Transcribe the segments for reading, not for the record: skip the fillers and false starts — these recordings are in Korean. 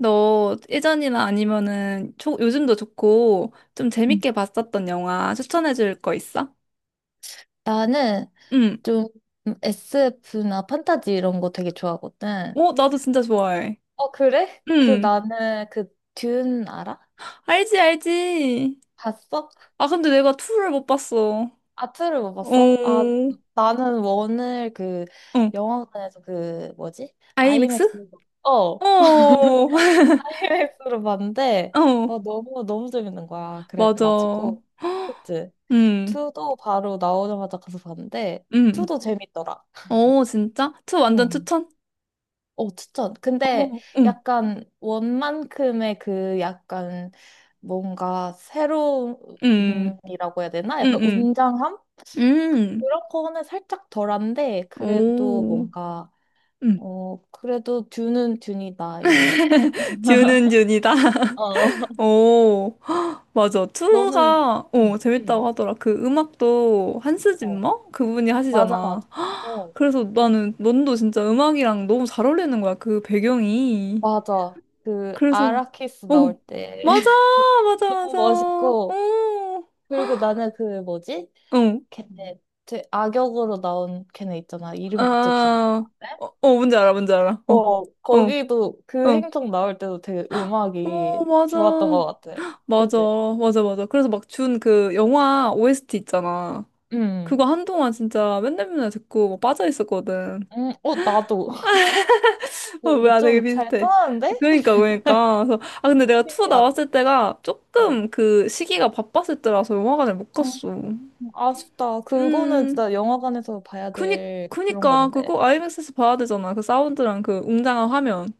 너 예전이나 아니면은 요즘도 좋고 좀 음. 재밌게 봤었던 영화 추천해 줄 거 있어? 나는 응. 좀 SF나 판타지 이런 거 되게 좋아하거든. 어, 나도 진짜 좋아해. 어, 그래? 그 응. 나는 그 듄 알아? 알지, 알지. 봤어? 아, 근데 내가 2를 못 봤어. 어, 아, 투를 못 봤어? 아, 어. 나는 원을 그 영화관에서 그 뭐지? 아이맥스? 아이맥스로 어, 어, 아이맥스로 봤는데 어, 너무 너무 재밌는 거야. 맞아. 그래가지고 그치? 응, 투도 바로 나오자마자 가서 봤는데 응. 투도 재밌더라. 어, 진짜? 2 완전 추천? 어, 추천. 근데 어, 응, 약간 원만큼의 그 약간 뭔가 응, 새로움이라고 해야 되나? 응, 약간 응. 웅장함? 응, 그런 거는 살짝 덜한데, 그래도 오. 뭔가, 응. 어, 그래도 듀는 듀니다, 이런 느낌. 듀는 듀이다. 어. 오, 헉, 맞아. 너는, 투가, 응, 응, 재밌다고 하더라. 그 음악도 한스 어, 짐머? 그분이 맞아, 하시잖아. 맞아. 어, 그래서 나는 넌도 진짜 음악이랑 너무 잘 어울리는 거야. 그 배경이. 맞아. 그 그래서, 아라키스 나올 어, 때. 맞아, 맞아, 너무 맞아. 멋있고, 오, 그리고 나는 그 뭐지? 어, 걔네 제 악역으로 나온 걔네 있잖아. 이름이 갑자기 기억. 아, 네? 어, 어, 뭔지 알아, 뭔지 알아. 어, 어, 어, 거기도 그 어. 행성 나올 때도 되게 어, 음악이 맞아. 좋았던 것 같아. 맞아, 그치? 맞아, 맞아. 그래서 막 준 그 영화 OST 있잖아. 음, 그거 한동안 진짜 맨날 맨날 듣고 막 빠져 있었거든. 어, 나도. 아, 근데 우리 뭐야, 되게 좀 잘 비슷해. 떠나는데? 그러니까, 그러니까. 그래서, 아, 근데 내가 투어 신기하다. 나왔을 때가 어. 조금 그 시기가 바빴을 때라서 영화관을 못 음, 갔어. 아쉽다. 그거는 음, 진짜 영화관에서 봐야 그니, 될 그런 그니까, 건데. 그거 IMAX에서 봐야 되잖아. 그 사운드랑 그 웅장한 화면.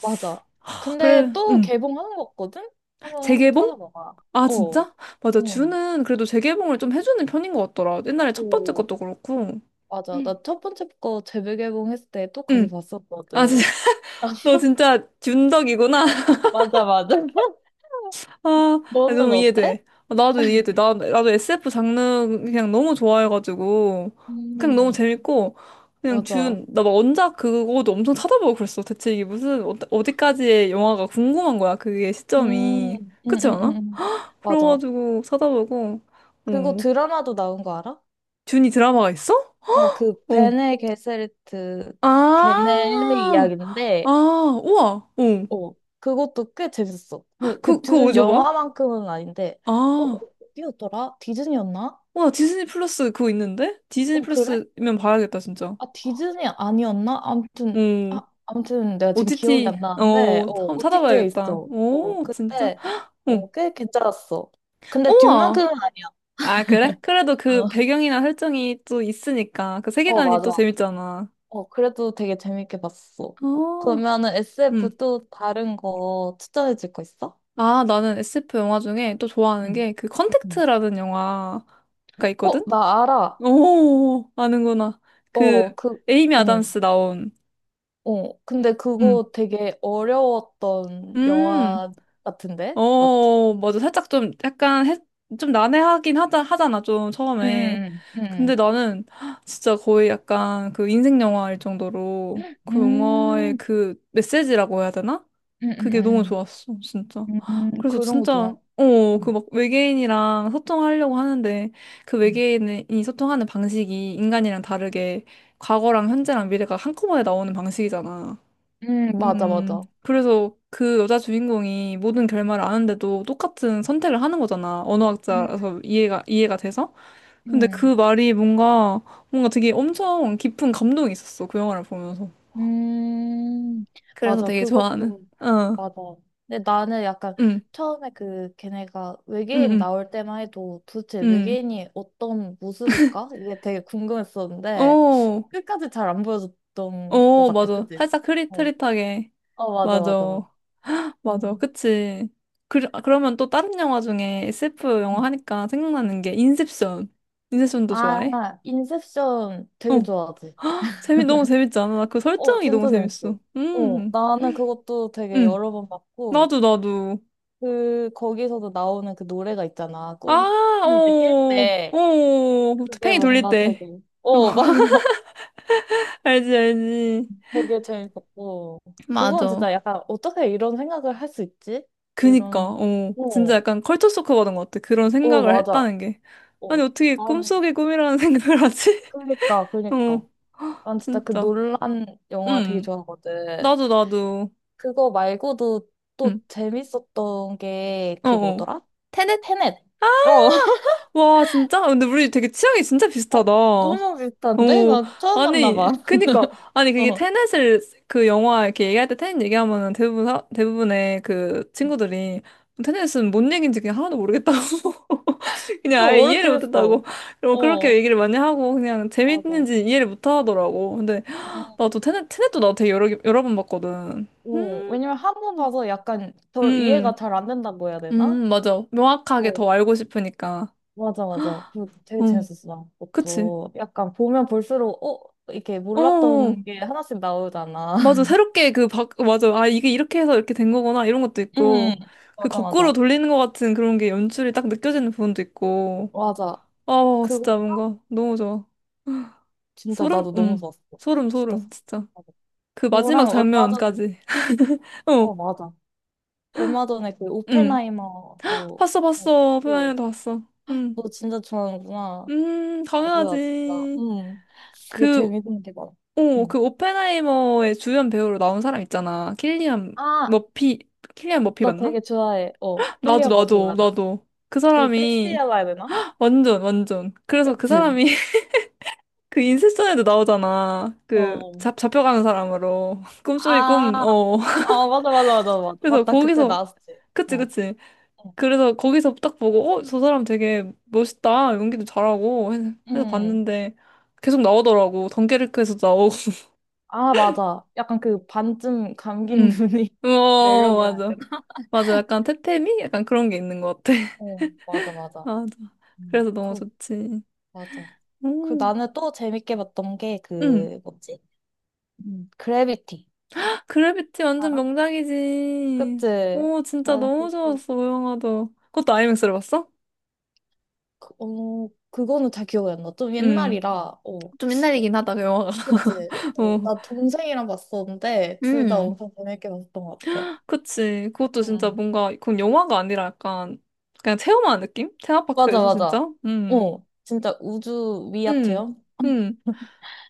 맞아. 아, 근데 그래, 또 개봉하는 거 같거든? 한번 재개봉? 찾아봐봐. 아, 어. 진짜? 맞아. 응. 주는 그래도 재개봉을 좀 해주는 편인 것 같더라. 옛날에 첫 번째 오. 것도 그렇고. 맞아. 응. 나 첫 번째 거 재개봉했을 때 또 가서 응. 아, 진짜. 봤었거든. 너 진짜 균덕이구나. 맞아, 맞아. 아, 너는 너무 어때? 이해돼. 아, 나도 이해돼. 나도 SF 장르 그냥 너무 좋아해가지고. 그냥 어머나. 너무 재밌고. 그냥 맞아. 준, 나막 원작 그거도 엄청 찾아보고 그랬어. 대체 이게 무슨, 어디까지의 영화가 궁금한 거야. 그게 시점이. 그렇지 않아? 음. 맞아. 그래가지고 찾아보고. 그거 어, 드라마도 나온 거 알아? 준이 드라마가 있어? 어, 그 어. 베네 게세리트 걔네 아, 아, 이야기인데, 우와. 어. 어, 그것도 꽤 재밌었어. 그, 그, 그 그거 둘은 어디서 봐? 영화만큼은 아닌데, 어, 아, 어디였더라? 디즈니였나? 우와. 디즈니 플러스 그거 있는데? 디즈니 어, 그래? 플러스면 봐야겠다, 진짜. 아, 디즈니 아니었나? 아무튼, 오, 아, 아무튼 내가 지금 기억이 OTT, 안 나는데, 어, 한번 OTT에 찾아봐야겠다. 있어. 어, 오, 진짜? 그때, 응. 어, 꽤 괜찮았어. 근데 우와! 뒷만큼은 아니야. 아, 그래? 그래도 그 어, 배경이나 설정이 또 있으니까 그 어, 세계관이 또 맞아. 재밌잖아. 어, 그래도 되게 재밌게 봤어. 어, 그러면은 SF 응. 또 다른 거 추천해 줄 거 있어? 아, 나는 SF 영화 중에 또 좋아하는 응, 게 그 응. 컨택트라는 영화가 있거든? 어, 나 알아. 오, 아는구나. 그 어, 그, 에이미 어, 아담스 나온. 어. 근데 응. 그거 되게 어려웠던 음. 영화 같은데? 맞지? 어, 맞아. 살짝 좀 약간 해, 좀 난해하긴 하잖아, 좀 처음에. 응, 근데 응. 나는 진짜 거의 약간 그 인생 영화일 정도로 그 영화의 음, 그 메시지라고 해야 되나? 음, 그게 너무 음, 좋았어, 진짜. 그래서 그런 거 진짜, 좋아. 어, 그 음, 막 외계인이랑 소통하려고 하는데 그 음, 외계인이 소통하는 방식이 인간이랑 다르게 과거랑 현재랑 미래가 한꺼번에 나오는 방식이잖아. 맞아, 맞아. 그래서 그 여자 주인공이 모든 결말을 아는데도 똑같은 선택을 하는 거잖아. 음, 언어학자라서 이해가 돼서. 근데 음, 그 말이 뭔가, 뭔가 되게 엄청 깊은 감동이 있었어. 그 영화를 보면서. 음, 그래서 맞아. 되게 좋아하는. 그것도 어, 맞아. 근데 나는 약간 응, 처음에 그 걔네가 응, 외계인 응, 나올 때만 해도 도대체 응. 외계인이 어떤 모습일까? 이게 되게 궁금했었는데 어, 끝까지 잘 안 보여줬던 것 어, 같아. 맞아. 그치? 살짝 어, 흐릿흐릿하게. 어, 맞아, 맞아. 맞아, 맞아. 맞아. 음. 그치. 그러면 또 다른 영화 중에 SF 영화 음. 하니까 생각나는 게 인셉션. 인셉션도 좋아해? 아, 인셉션 되게 어. 좋아하지. 재미 너무 재밌지 않아? 나 그 어, 설정이 너무 진짜 재밌어. 재밌어. 어, 나는 그것도 되게 음, 여러 번 봤고, 나도 나도. 그, 거기서도 나오는 그 노래가 있잖아. 아, 꿈, 꿈 이제 깰 어, 때. 어, 그게 팽이 돌릴 뭔가 때. 되게, 어, 맞아. 알지 알지. 되게 재밌었고. 그건 맞아. 진짜 약간, 어떻게 이런 생각을 할 수 있지? 그니까, 이런, 진짜 어, 약간 컬처 쇼크 받은 것 같아. 그런 어, 생각을 맞아. 했다는 게. 아니 어, 어떻게 난, 꿈속의 꿈이라는 생각을 하지? 그니까, 어, 그니까. 난 진짜 그 진짜. 논란 영화 되게 음, 좋아하거든. 나도 나도. 그거 말고도 또 음, 재밌었던 게 어, 그 어. 뭐더라? 테넷? 테넷. 아! 어. 와, 진짜? 근데 우리 되게 취향이 진짜 어, 비슷하다. 너무 비슷한데? 오 나 처음 아니, 만나봐. 그니까, 아니, 그게 어, 테넷을 그 영화 이렇게 얘기할 때 테넷 얘기하면은 대부분의 그 친구들이 테넷은 뭔 얘기인지 그냥 하나도 모르겠다고. 그냥 좀 아예 이해를 어렵긴 했어. 못했다고. 그리고 그렇게 어, 얘기를 많이 하고 그냥 맞아. 재밌는지 이해를 못 하더라고. 근데 음. 나도 테넷도 나 되게 여러 번 봤거든. 어, 음, 왜냐면 한 번 봐서 약간 덜 음, 이해가 잘 안 된다고 해야 되나? 맞아. 명확하게 어, 더 알고 싶으니까. 맞아, 맞아. 그 되게 응, 재밌었어, 나 그치. 그것도. 약간 보면 볼수록, 어, 이렇게 어, 몰랐던 게 하나씩 나오잖아. 맞아. 새롭게 그 맞아. 아, 이게 이렇게 해서 이렇게 된 거구나. 이런 것도 응, 있고. 그 맞아, 거꾸로 맞아. 돌리는 것 같은 그런 게 연출이 딱 느껴지는 부분도 있고. 맞아. 어, 진짜 그거 뭔가 너무 좋아. 진짜 소름? 나도 너무 음. 좋았어. 소름, 진짜. 소름. 좋았어. 진짜. 맞아. 그 마지막 그거랑 얼마 전에, 장면까지. 어, 어, 맞아. 얼마 전에 그 음 오펜하이머도 봤어, 봤어. 오펜하이 봤고 도 봤어. 음 너 진짜 좋아하는구나. 아 뭐야 진짜. 당연하지. 응. 되게 그, 재밌는 게 많아. 어, 응. 그 오펜하이머의 주연 배우로 나온 사람 있잖아. 킬리안 아, 머피, 킬리안 어, 머피 나 맞나? 되게 좋아해. 어, 나도, 킬리어 버피 나도, 맞아. 나도. 그 되게 사람이, 섹시하다 해야 되나? 완전, 완전. 그래서 그 그치? 사람이, 그 인셉션에도 나오잖아. 그, 어. 잡혀가는 사람으로. 꿈속의 꿈, 아, 어. 어 맞아 맞아 맞아 맞 그래서 맞다 그때 거기서, 나왔지. 그치, 어. 그치. 어. 그래서 거기서 딱 보고, 저 사람 되게 멋있다. 연기도 잘하고. 해서 응. 봤는데, 계속 나오더라고. 덩케르크에서 나오고. 아 맞아. 약간 그 반쯤 감긴 응. 눈이 어, 매력이라 해야 맞아. 되나? 맞아. 약간 테테미? 약간 그런 게 있는 것 같아. 어 맞아 맞아. 맞아. 그래서 너무 굿 좋지. 맞아. 그 음. 나는 또 재밌게 봤던 게 응. 그 뭐지? 그래비티 그래비티 완전 알아? 명작이지. 그치? 오, 진짜 나는 너무 좋았어, 그 영화도. 그것도 아이맥스로 봤어? 어, 그거는 잘 기억이 안 나. 좀 음. 옛날이라. 어. 좀 예, 옛날이긴 하다, 그 영화가. 그치? 어, 어. 나 동생이랑 봤었는데 둘 다 음. 엄청 재밌게 봤던 것 같아. 그치. 그것도 진짜 응. 뭔가, 그건 영화가 아니라 약간, 그냥 체험하는 느낌? 맞아 테마파크에서 맞아. 진짜? 음. 어. 진짜 우주 음. 위아트형? 음.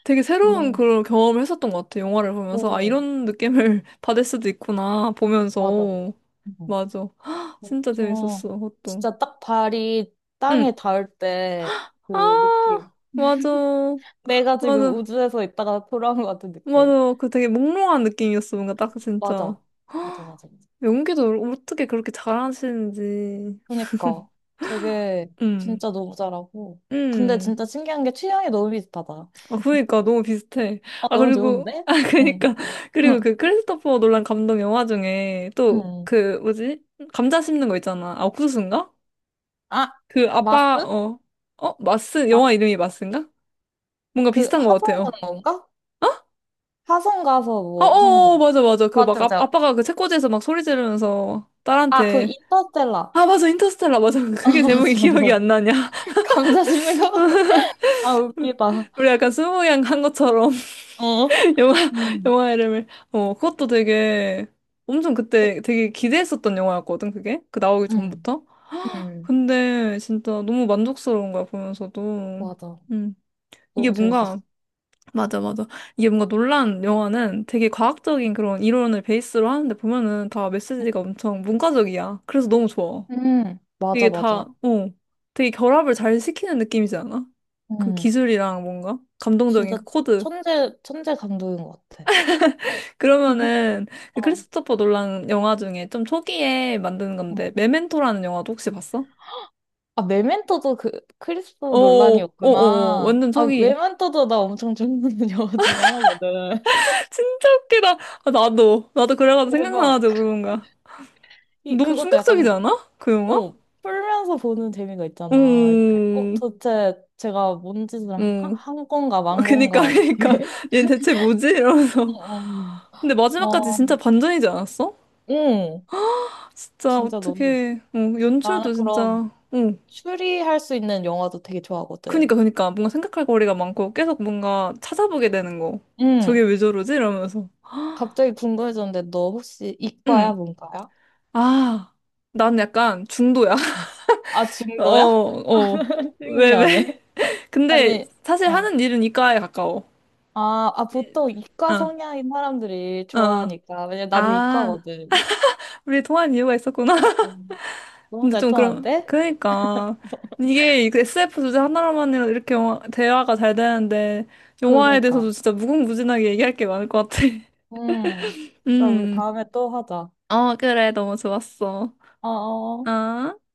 되게 새로운 너무. 그런 경험을 했었던 것 같아, 영화를 보면서. 아, 어. 이런 느낌을 받을 수도 있구나, 맞아. 보면서. 응. 맞아. 진짜 저 재밌었어, 그것도. 진짜 딱 발이 땅에 응. 닿을 때 그 아, 느낌. 맞아. 내가 지금 맞아. 우주에서 있다가 돌아온 것 같은 느낌. 맞아. 그 되게 몽롱한 느낌이었어. 뭔가 딱 진짜. 맞아. 맞아, 맞아. 연기도 어떻게 그렇게 잘하시는지. 그러니까 되게 음, 진짜 너무 잘하고. 근데 음. 진짜 신기한 게 취향이 너무 비슷하다. 아, 그니까 너무 비슷해. 아 아, 너무 그리고, 좋은데? 아, 그니까. 응. 응. 그리고 그 크리스토퍼 놀란 감독 영화 중에 또 응. 응. 그 뭐지? 감자 씹는 거 있잖아. 아, 옥수수인가? 아, 그 아빠, 마스? 어, 어? 마스? 영화 마스? 이름이 마스인가? 뭔가 그 비슷한 것 화성 같아요. 가는 건가? 화성 가서 아, 어, 뭐 하는 어, 어, 건가? 맞아, 맞아. 그 막 맞아, 아, 맞아. 아빠가 그 책꽂이에서 막 소리 지르면서 아, 그 딸한테 인터스텔라. 아, 맞아. 인터스텔라. 맞아. 아, 그게 제목이 맞아, 맞아. 기억이 맞아. 안 나냐. 감자 씹는 거? 아, 웃기다. 우리 약간 스무양 한 것처럼 어. 영화 음. 영화 이름을 그것도 되게 엄청 그때 되게 기대했었던 영화였거든. 그게 그 나오기 음. 전부터 음. 근데 진짜 너무 만족스러운 거야, 보면서도. 맞아. 음. 이게 너무 재밌었어. 뭔가 맞아, 맞아. 이게 뭔가 놀란 영화는 되게 과학적인 그런 이론을 베이스로 하는데 보면은 다 메시지가 엄청 문과적이야. 그래서 너무 좋아. 맞아, 이게 맞아. 다어 되게 결합을 잘 시키는 느낌이지 않아? 그 음, 기술이랑 뭔가 감동적인 진짜 그 코드. 천재 감독인 것 같아. 그러면은 그 어. 크리스토퍼 놀란 영화 중에 좀 초기에 만든 어. 건데 메멘토라는 영화도 혹시 봤어? 아, 메멘토도 그 크리스토 어어어어 논란이었구나. 완전 아, 초기. 메멘토도 나 엄청 좋아하는 영화 중에 하나거든. 진짜 웃기다. 아, 나도 나도 그래가지고 대박. 생각나가지고 물어본 거야. 이, 너무 그것도 충격적이지 약간, 않아? 그 영화? 어, 풀면서 보는 재미가 있잖아. 이렇게, 어, 음, 도대체 제가 뭔 짓을 한, 음. 한 건가, 만 그니까 건가. 그니까 이렇게. 얘 대체 뭐지? 이러면서 어, 근데 마지막까지 어, 어, 진짜 반전이지 않았어? 응. 진짜 진짜 너무 재밌어. 어떻게 나는 연출도 그런 진짜. 어. 추리할 수 있는 영화도 되게 좋아하거든. 그니까, 그니까. 뭔가 생각할 거리가 많고 계속 뭔가 찾아보게 되는 거. 저게 응. 왜 저러지? 이러면서. 갑자기 궁금해졌는데 너 혹시 응. 이과야, 문과야? 아, 난 약간 중도야. 어. 아, 어, 증거야? 어. 왜, 왜? 신기하네. 근데 아니, 사실 어. 하는 일은 이과에 가까워. 아, 아, 보통 이과 어, 성향인 사람들이 어. 좋아하니까. 왜냐면 나도 아, 이과거든. 우리 통한 이유가 있었구나. 음, 너무 근데 잘 좀 그럼, 통하는데? 그러니까. 이게 그 SF 주제 하나로만 이렇게 대화가 잘 되는데, 영화에 대해서도 그러니까. 진짜 무궁무진하게 얘기할 게 많을 것 같아. 음. 나 우리 음. 다음에 또 하자. 어, 그래. 너무 좋았어. 어어. 어?